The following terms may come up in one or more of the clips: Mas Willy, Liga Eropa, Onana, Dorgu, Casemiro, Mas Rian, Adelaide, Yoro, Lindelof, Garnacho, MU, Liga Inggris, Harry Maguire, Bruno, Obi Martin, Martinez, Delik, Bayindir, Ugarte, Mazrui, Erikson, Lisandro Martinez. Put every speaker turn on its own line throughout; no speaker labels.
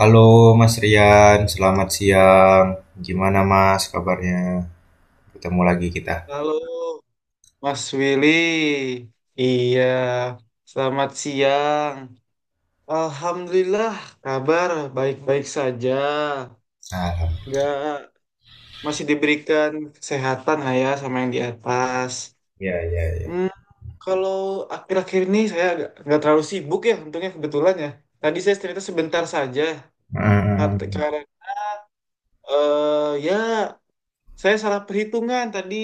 Halo Mas Rian, selamat siang. Gimana Mas kabarnya? Ketemu lagi kita.
Halo, Mas Willy. Iya, selamat siang. Alhamdulillah, kabar baik-baik saja.
Alhamdulillah.
Nggak, masih diberikan kesehatan lah ya sama yang di atas.
Ya, ya, ya.
Hmm, kalau akhir-akhir ini saya nggak terlalu sibuk ya, untungnya kebetulan ya. Tadi saya ternyata sebentar saja.
Hmm.
Karena, ya, saya salah perhitungan tadi.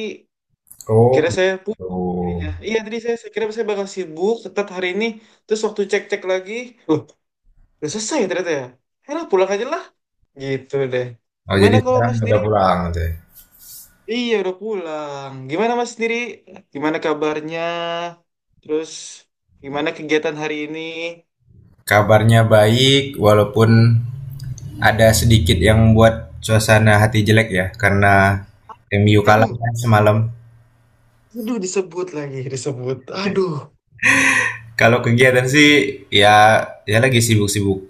Oh,
Akhirnya saya pusing. Iya,
gitu.
iya, tadi saya kira saya bakal sibuk tetap hari ini. Terus waktu cek-cek lagi, loh, udah selesai ya ternyata ya. Ya lah, pulang aja lah. Gitu deh.
Oh, jadi
Gimana kalau
sekarang
Mas
udah
sendiri?
pulang gitu ya.
Iya, udah pulang. Gimana Mas sendiri? Gimana kabarnya? Terus gimana kegiatan hari ini?
Kabarnya baik, walaupun ada sedikit yang membuat suasana hati jelek ya, karena MU kalah
Aduh,
kan semalam.
aduh disebut lagi, disebut. Aduh.
Kalau kegiatan sih, ya, ya lagi sibuk-sibuk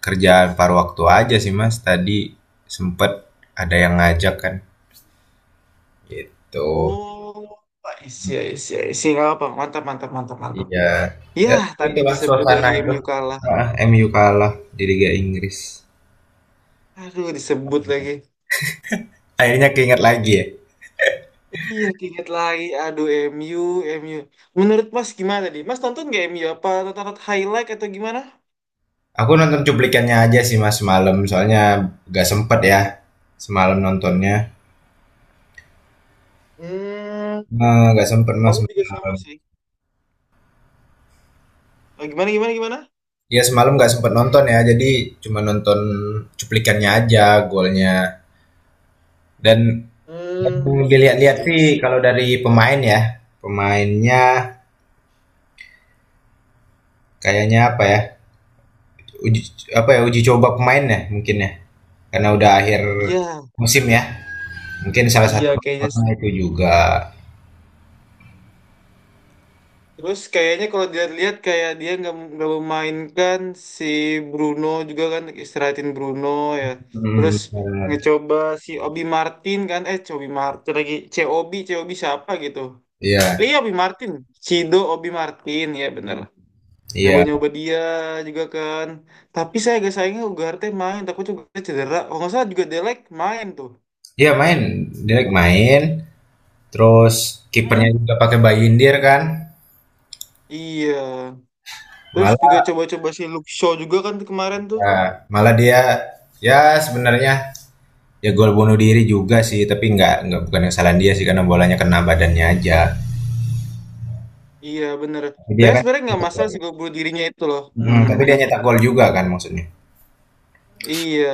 kerjaan paruh waktu aja sih Mas. Tadi sempet ada yang ngajak kan. Gitu.
Oh, isi, isi, isi. Gak apa, mantap, mantap, mantap, mantap.
Iya. Ya,
Yah,
tapi
tadi
itulah
disebut
suasana
lagi
itu.
MU kalah.
Heeh, MU kalah di Liga Inggris.
Aduh, disebut lagi.
Akhirnya keinget lagi ya.
Iya, keinget lagi. Aduh, MU, MU. Menurut Mas gimana tadi Mas nonton nggak MU? Apa tonton highlight atau gimana?
Aku nonton cuplikannya aja sih mas semalam, soalnya gak sempet ya semalam nontonnya.
Hmm,
Gak sempet mas
Aku juga sama
semalam.
sih. Oh, gimana, gimana, gimana?
Ya semalam gak sempet nonton ya, jadi cuma nonton cuplikannya aja golnya. Dan yang
hmm,
dilihat-lihat
sih,
sih
sih.
kalau dari pemain ya, pemainnya kayaknya apa ya? Uji, apa ya uji coba pemain ya mungkin ya. Karena udah akhir
Iya,
musim ya. Mungkin salah
iya
satu
kayaknya.
faktornya itu juga.
Terus kayaknya kalau dilihat-lihat kayak dia nggak memainkan si Bruno juga kan istirahatin Bruno ya. Terus
Hmm, bener.
ngecoba si Obi Martin kan? Eh, Cobi Martin lagi. COB, COB siapa gitu?
Iya,
Iya, Obi Martin. Cido Obi Martin, ya bener.
iya.
Nyoba-nyoba dia juga kan. Tapi saya agak sayangnya Ugarte main, takut juga cedera. Kalau nggak salah juga Delek main tuh.
Iya main, Dirk main. Terus kipernya
Hmm.
juga pakai Bayindir kan.
Iya. Terus juga
Malah
coba-coba si Luke Shaw juga kan tuh kemarin tuh.
ya, malah dia ya sebenarnya ya gol bunuh diri juga sih, tapi nggak bukan kesalahan dia sih karena bolanya kena badannya aja.
Iya, bener.
Tapi dia
Saya
kan
sebenarnya nggak
cetak
masalah
gol.
sih gol bunuh dirinya itu loh.
Mm, tapi dia
Hmm.
nyetak gol juga kan maksudnya.
Iya.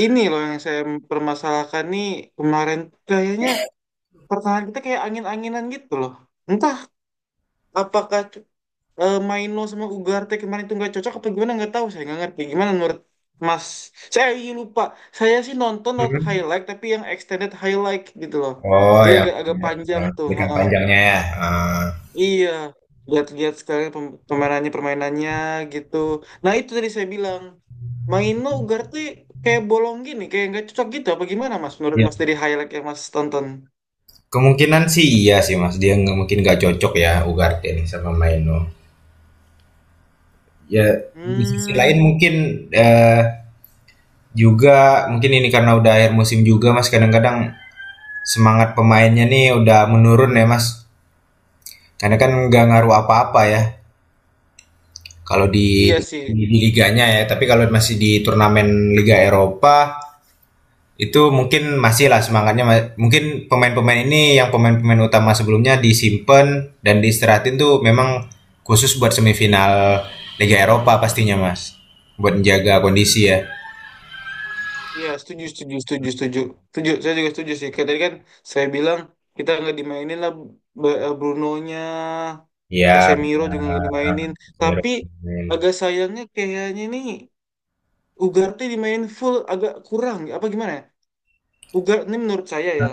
Ini loh yang saya permasalahkan nih kemarin kayaknya pertahanan kita kayak angin-anginan gitu loh. Entah apakah Maino sama Ugarte kemarin itu nggak cocok apa gimana nggak tahu saya nggak ngerti gimana menurut Mas saya lupa saya sih nonton not
Mhm.
highlight tapi yang extended highlight gitu loh
Oh,
jadi
yang
agak agak panjang tuh
berikan
heeh.
panjangnya ya. Ah.
Iya lihat-lihat sekarang permainannya permainannya gitu nah itu tadi saya bilang Maino Ugarte kayak bolong gini kayak nggak cocok gitu apa gimana Mas menurut Mas dari highlight yang Mas tonton.
Kemungkinan sih iya sih Mas, dia nggak mungkin nggak cocok ya Ugarte nih sama Maino. Ya di sisi lain
Hmm,
mungkin eh, juga mungkin ini karena udah akhir musim juga Mas, kadang-kadang semangat pemainnya nih udah menurun ya Mas. Karena kan nggak ngaruh apa-apa ya kalau di,
iya sih.
di di liganya ya, tapi kalau masih di turnamen Liga Eropa itu mungkin masih lah semangatnya, mungkin pemain-pemain ini yang pemain-pemain utama sebelumnya disimpan dan diistirahatin tuh memang khusus buat semifinal Liga Eropa pastinya mas buat menjaga kondisi ya.
Iya, setuju, setuju, setuju, setuju. Setuju, saya juga setuju sih. Kayak tadi kan saya bilang kita nggak dimainin lah Brunonya,
Iya,
Casemiro juga nggak dimainin.
benar.
Tapi agak sayangnya kayaknya nih Ugarte dimainin full agak kurang. Apa gimana ya? Ugarte ini menurut saya ya,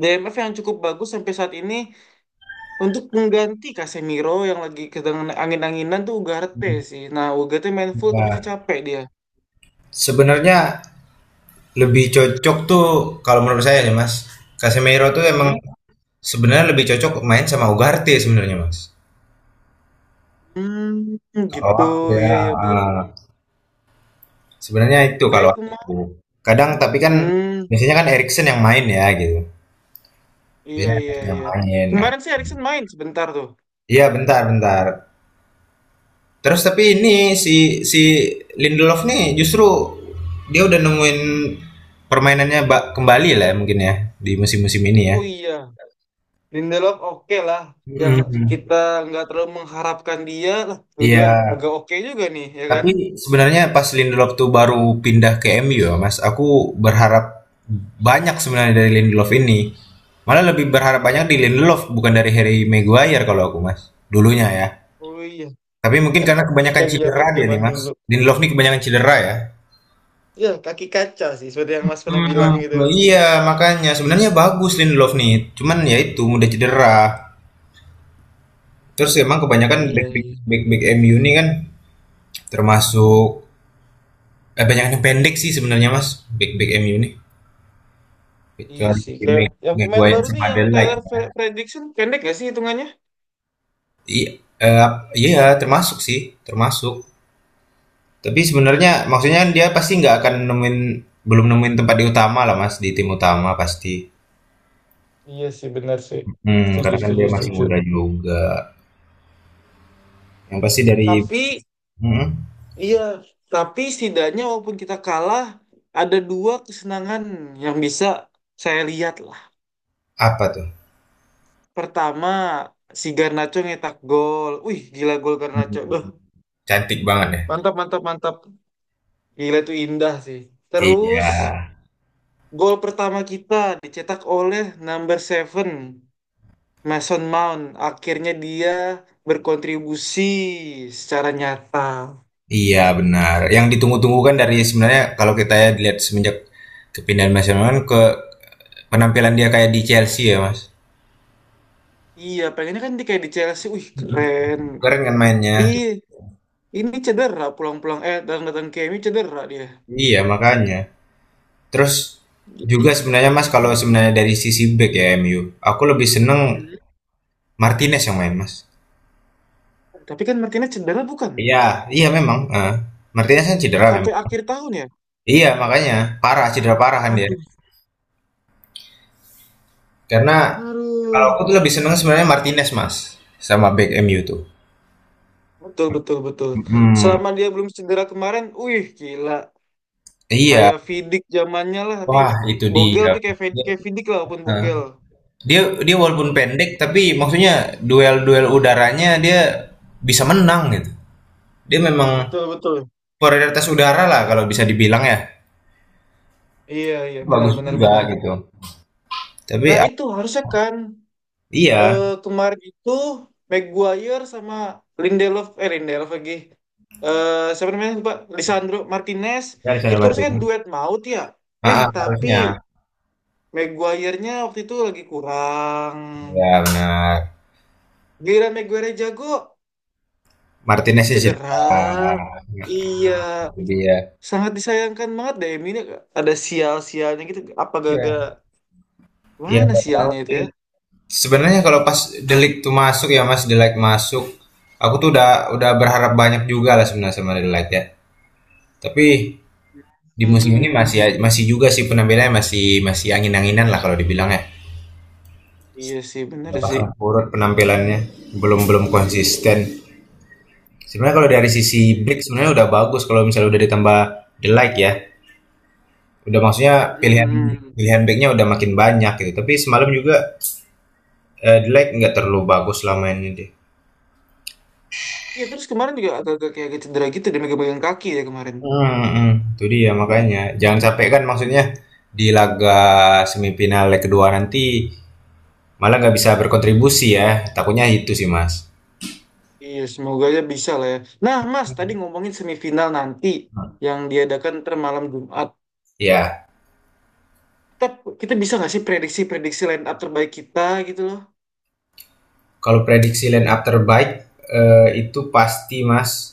DMF yang cukup bagus sampai saat ini untuk mengganti Casemiro yang lagi sedang angin-anginan tuh Ugarte sih. Nah, Ugarte main full takutnya
Nah,
capek dia.
sebenarnya lebih cocok tuh kalau menurut saya ya Mas. Casemiro tuh emang
Hmm,
sebenarnya lebih cocok main sama Ugarte sebenarnya Mas.
hmm
Kalau
gitu,
aku ya.
ya ya bener.
Sebenarnya itu kalau
Kayak
aku. Kadang tapi kan
hmm,
biasanya kan Erikson yang main ya gitu.
iya
Biasanya
iya
Erikson yang
iya.
main. Nah,
Kemarin sih Erikson main sebentar tuh.
iya bentar bentar. Terus tapi ini si si Lindelof nih justru dia udah nemuin permainannya kembali lah ya mungkin ya di musim-musim ini ya.
Oh iya, Lindelof oke lah. Yang
Mm,
kita nggak terlalu mengharapkan dia lah, tuh dia
Iya.
agak oke juga nih, ya kan?
Tapi sebenarnya pas Lindelof tuh baru pindah ke MU ya, Mas, aku berharap banyak sebenarnya dari Lindelof ini. Malah lebih berharap banyak di Lindelof bukan dari Harry Maguire kalau aku, Mas. Dulunya ya.
Oh iya,
Tapi mungkin
Eh,
karena kebanyakan
yang
cedera dia
zaman-zaman
nih, Mas.
dulu.
Lindelof nih kebanyakan cedera ya.
Ya, kaki kaca sih, seperti yang Mas pernah bilang
Hmm,
gitu kan.
iya makanya sebenarnya bagus Lindelof nih, cuman ya itu mudah cedera. Terus emang kebanyakan
Iya,
back back
iya.
back, back MU nih kan termasuk banyak yang pendek sih sebenarnya Mas, back back MU nih.
Iya
Kecuali
sih,
di
kayak yang pemain
Maguire
baru nih
sama
yang
Adelaide
Taylor
ya.
Fredrickson pendek gak sih hitungannya?
I- eh, iya, termasuk. Tapi sebenarnya maksudnya dia pasti nggak akan nemuin, belum nemuin tempat di utama lah Mas, di tim utama pasti.
Iya sih, benar sih.
Hmm,
Setuju,
karena kan
setuju,
dia masih
setuju.
muda juga. Yang pasti dari,
Tapi
hmm,
iya, tapi setidaknya walaupun kita kalah, ada dua kesenangan yang bisa saya lihat lah.
apa tuh?
Pertama, si Garnacho nyetak gol. Wih, gila gol
Hmm,
Garnacho. Beuh,
cantik banget ya.
mantap, mantap, mantap. Gila itu indah sih.
Iya.
Terus, gol pertama kita dicetak oleh number 7, Mason Mount. Akhirnya dia berkontribusi secara nyata.
Iya benar. Yang ditunggu-tunggu kan dari sebenarnya kalau kita ya lihat semenjak kepindahan Mas Yonan ke penampilan dia kayak di Chelsea ya Mas.
Iya, pengennya kan di kayak di Chelsea. Wih,
Mm-mm.
keren.
Keren kan mainnya.
Ih, ini cedera pulang-pulang datang-datang KMU cedera dia.
Iya makanya. Terus juga sebenarnya Mas kalau sebenarnya dari sisi back ya MU, aku lebih seneng
Hmm.
Martinez yang main Mas.
Tapi kan Martinez cedera bukan?
Iya, iya memang. Eh. Martinez kan cedera
Sampai
memang.
akhir tahun ya?
Iya makanya parah, cedera parah kan dia.
Aduh,
Karena kalau
aduh.
aku tuh lebih seneng sebenarnya Martinez Mas sama back MU tuh.
Betul, betul, betul.
Mm,
Selama dia belum cedera kemarin, wih gila.
Iya,
Kayak Vidic zamannya lah, tapi
wah itu
Bogel
dia.
tapi
Dia,
kayak Vidic lah walaupun
eh,
Bogel.
dia dia walaupun pendek tapi maksudnya duel-duel udaranya dia bisa menang gitu. Dia memang
Betul, betul.
prioritas udara lah kalau bisa dibilang ya.
Iya, iya, benar,
Bagus
benar,
juga
benar.
gitu. Tapi
Nah
ap,
itu harusnya kan
iya,
eh, kemarin itu Maguire sama Lindelof lagi eh siapa namanya lupa Lisandro Martinez
ya Lisandro
itu harusnya kan
Martinez.
duet maut ya
Ah
eh
ah,
tapi
harusnya.
Maguire-nya waktu itu lagi kurang
Ya benar.
giliran Maguire jago
Martinez-nya cedera.
cedera
Nah,
iya
itu dia.
sangat disayangkan banget deh MU ini ada sial-sialnya gitu apa gara-gara
Iya. Iya
mana
nggak tahu
sialnya itu
sih.
ya.
Sebenarnya kalau pas Delik tuh masuk ya Mas, Delik masuk, aku tuh udah berharap banyak juga lah sebenarnya sama Delik ya. Tapi di musim ini
Hmm
masih, masih juga sih penampilannya masih masih angin-anginan lah kalau dibilang ya.
iya sih bener
Nggak
sih.
pasang surut penampilannya, belum belum konsisten. Sebenarnya kalau dari sisi back
Oke.
sebenarnya udah bagus kalau misalnya udah ditambah The Like ya. Udah maksudnya pilihan
Mhm.
pilihan backnya udah makin banyak gitu. Tapi semalam juga The Like nggak terlalu bagus lah mainnya deh.
Iya terus kemarin juga agak agak kayak cedera gitu dia megang kaki ya kemarin.
Hmm, hmm. Itu dia makanya. Jangan sampai kan maksudnya di laga semifinal leg kedua nanti malah nggak bisa berkontribusi ya. Takutnya itu sih mas.
Iya semoga aja bisa lah ya. Nah Mas
Hmm.
tadi ngomongin semifinal nanti yang diadakan ntar malam Jumat.
Ya,
Kita, kita bisa nggak sih prediksi-prediksi line up terbaik kita gitu loh?
kalau prediksi line up terbaik itu pasti mas.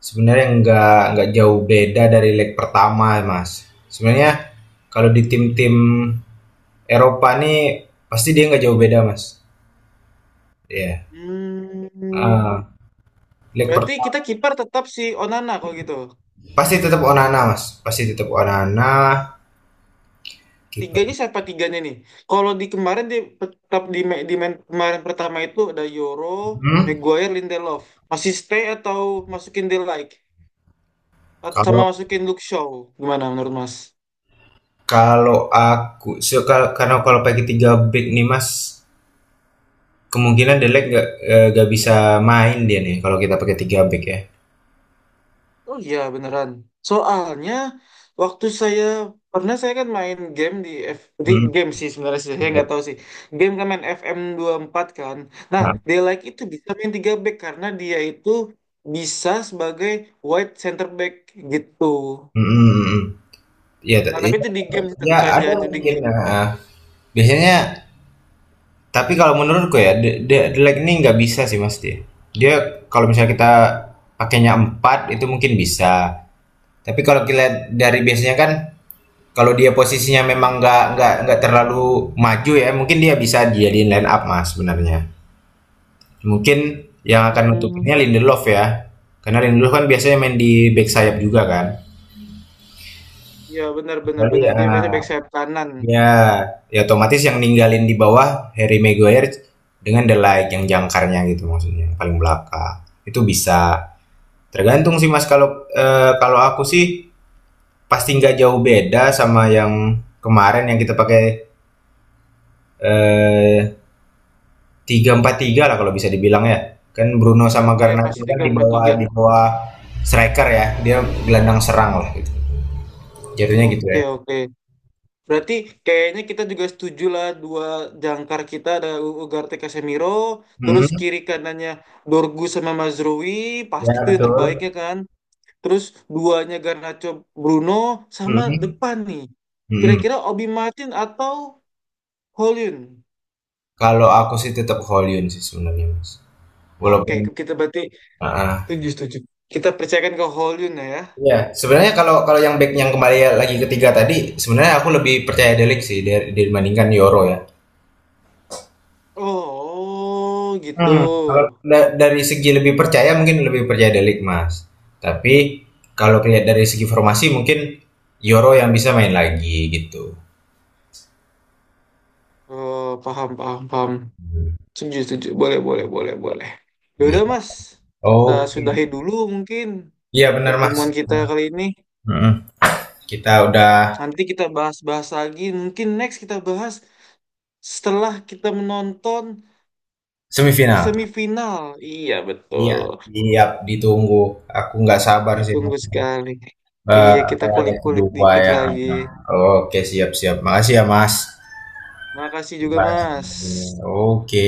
Sebenarnya nggak jauh beda dari leg pertama, Mas. Sebenarnya kalau di tim-tim Eropa nih pasti dia nggak jauh beda, Mas. Iya.
Hmm,
Ah, leg
berarti kita
pertama
kiper tetap si Onana kalau gitu.
pasti tetap Onana, Mas. Pasti tetap Onana kiper.
Tiganya siapa tiganya nih? Kalau di kemarin di tetap di, ma- di main kemarin pertama itu ada Yoro,
Hmm.
Maguire, Lindelof. Masih stay atau masukin De Ligt? Sama
Kalau
masukin Luke Shaw. Gimana menurut Mas?
kalau aku so, karena kalau pakai tiga back nih, Mas, kemungkinan Delek nggak, nggak bisa main dia nih kalau kita pakai tiga back ya.
Oh iya beneran. Soalnya waktu saya pernah saya kan main game di F di
Hmm.
game sih sebenarnya sih saya
Iya.
nggak tahu sih. Game kan main FM 4 kan. Nah,
Nah,
dia like itu bisa main 3 back karena dia itu bisa sebagai wide center back gitu.
mm, mm, mm, mm. Iya da
Nah, tapi
iya
itu di game sih,
iya
tentu saja
ada
itu di
mungkin,
game.
heeh. Biasanya tapi kalau menurutku ya the lag ini nggak bisa sih, Mas, dia. Dia kalau misalnya kita pakainya 4, itu mungkin bisa. Tapi kalau dilihat dari biasanya kan kalau dia posisinya memang nggak nggak terlalu maju ya, mungkin dia bisa dijadiin line up, Mas, sebenarnya. Mungkin yang akan
Hmm.
nutupinnya Lindelof ya, karena Lindelof kan biasanya main di bek sayap juga kan.
Iya benar benar
Kecuali
benar. Dia biasa
heeh.
back sayap kanan.
Ya, ya otomatis yang ninggalin di bawah Harry Maguire dengan The Ligt yang jangkarnya gitu maksudnya, yang paling belakang. Itu bisa. Tergantung sih Mas kalau kalau aku sih pasti nggak jauh beda sama yang kemarin yang kita pakai eh 3-4-3 lah kalau bisa dibilang ya. Kan Bruno sama
Iya
Garnacho
pasti
kan
tiga empat tiga.
di bawah striker ya. Dia gelandang serang lah gitu. Jadinya gitu
Oke
ya.
oke. Berarti kayaknya kita juga setuju lah dua jangkar kita ada Ugarte Casemiro, terus
Hmm,
kiri kanannya Dorgu sama Mazrui,
ya
pasti itu yang
betul.
terbaiknya kan. Terus duanya Garnacho Bruno sama
Hmm,
depan nih.
hmm.
Kira-kira Obi Martin atau Hollywood?
Kalau aku sih tetap Hollywood sih sebenarnya, Mas.
Oke,
Walaupun
kita berarti
heeh.
setuju setuju. Kita percayakan ke Hollywood ya.
Iya, sebenarnya kalau kalau yang back yang kembali lagi ketiga tadi, sebenarnya aku lebih percaya Delik sih dari dibandingkan Yoro ya.
Oh,
Hmm, kalau
gitu.
dari segi lebih percaya mungkin lebih percaya Delik, Mas. Tapi kalau lihat dari segi formasi mungkin Yoro yang bisa main lagi gitu.
Oh, paham paham paham.
Hmm,
Setuju, setuju. Boleh, boleh, boleh, boleh. Ya
Iya.
udah, Mas. Kita
Oke.
sudahi dulu mungkin
Iya benar, Mas.
pertemuan kita kali ini.
Heeh. Kita udah
Nanti kita bahas-bahas lagi. Mungkin next kita bahas setelah kita menonton
semifinal.
semifinal. Iya,
Iya,
betul.
siap ditunggu. Aku nggak sabar sih.
Ditunggu sekali.
Eee,
Iya,
apa
kita
ya, leg
kulik-kulik
kedua
dikit
ya.
lagi.
Oke, siap siap. Makasih ya, Mas.
Makasih juga,
Bye.
Mas.
Oke.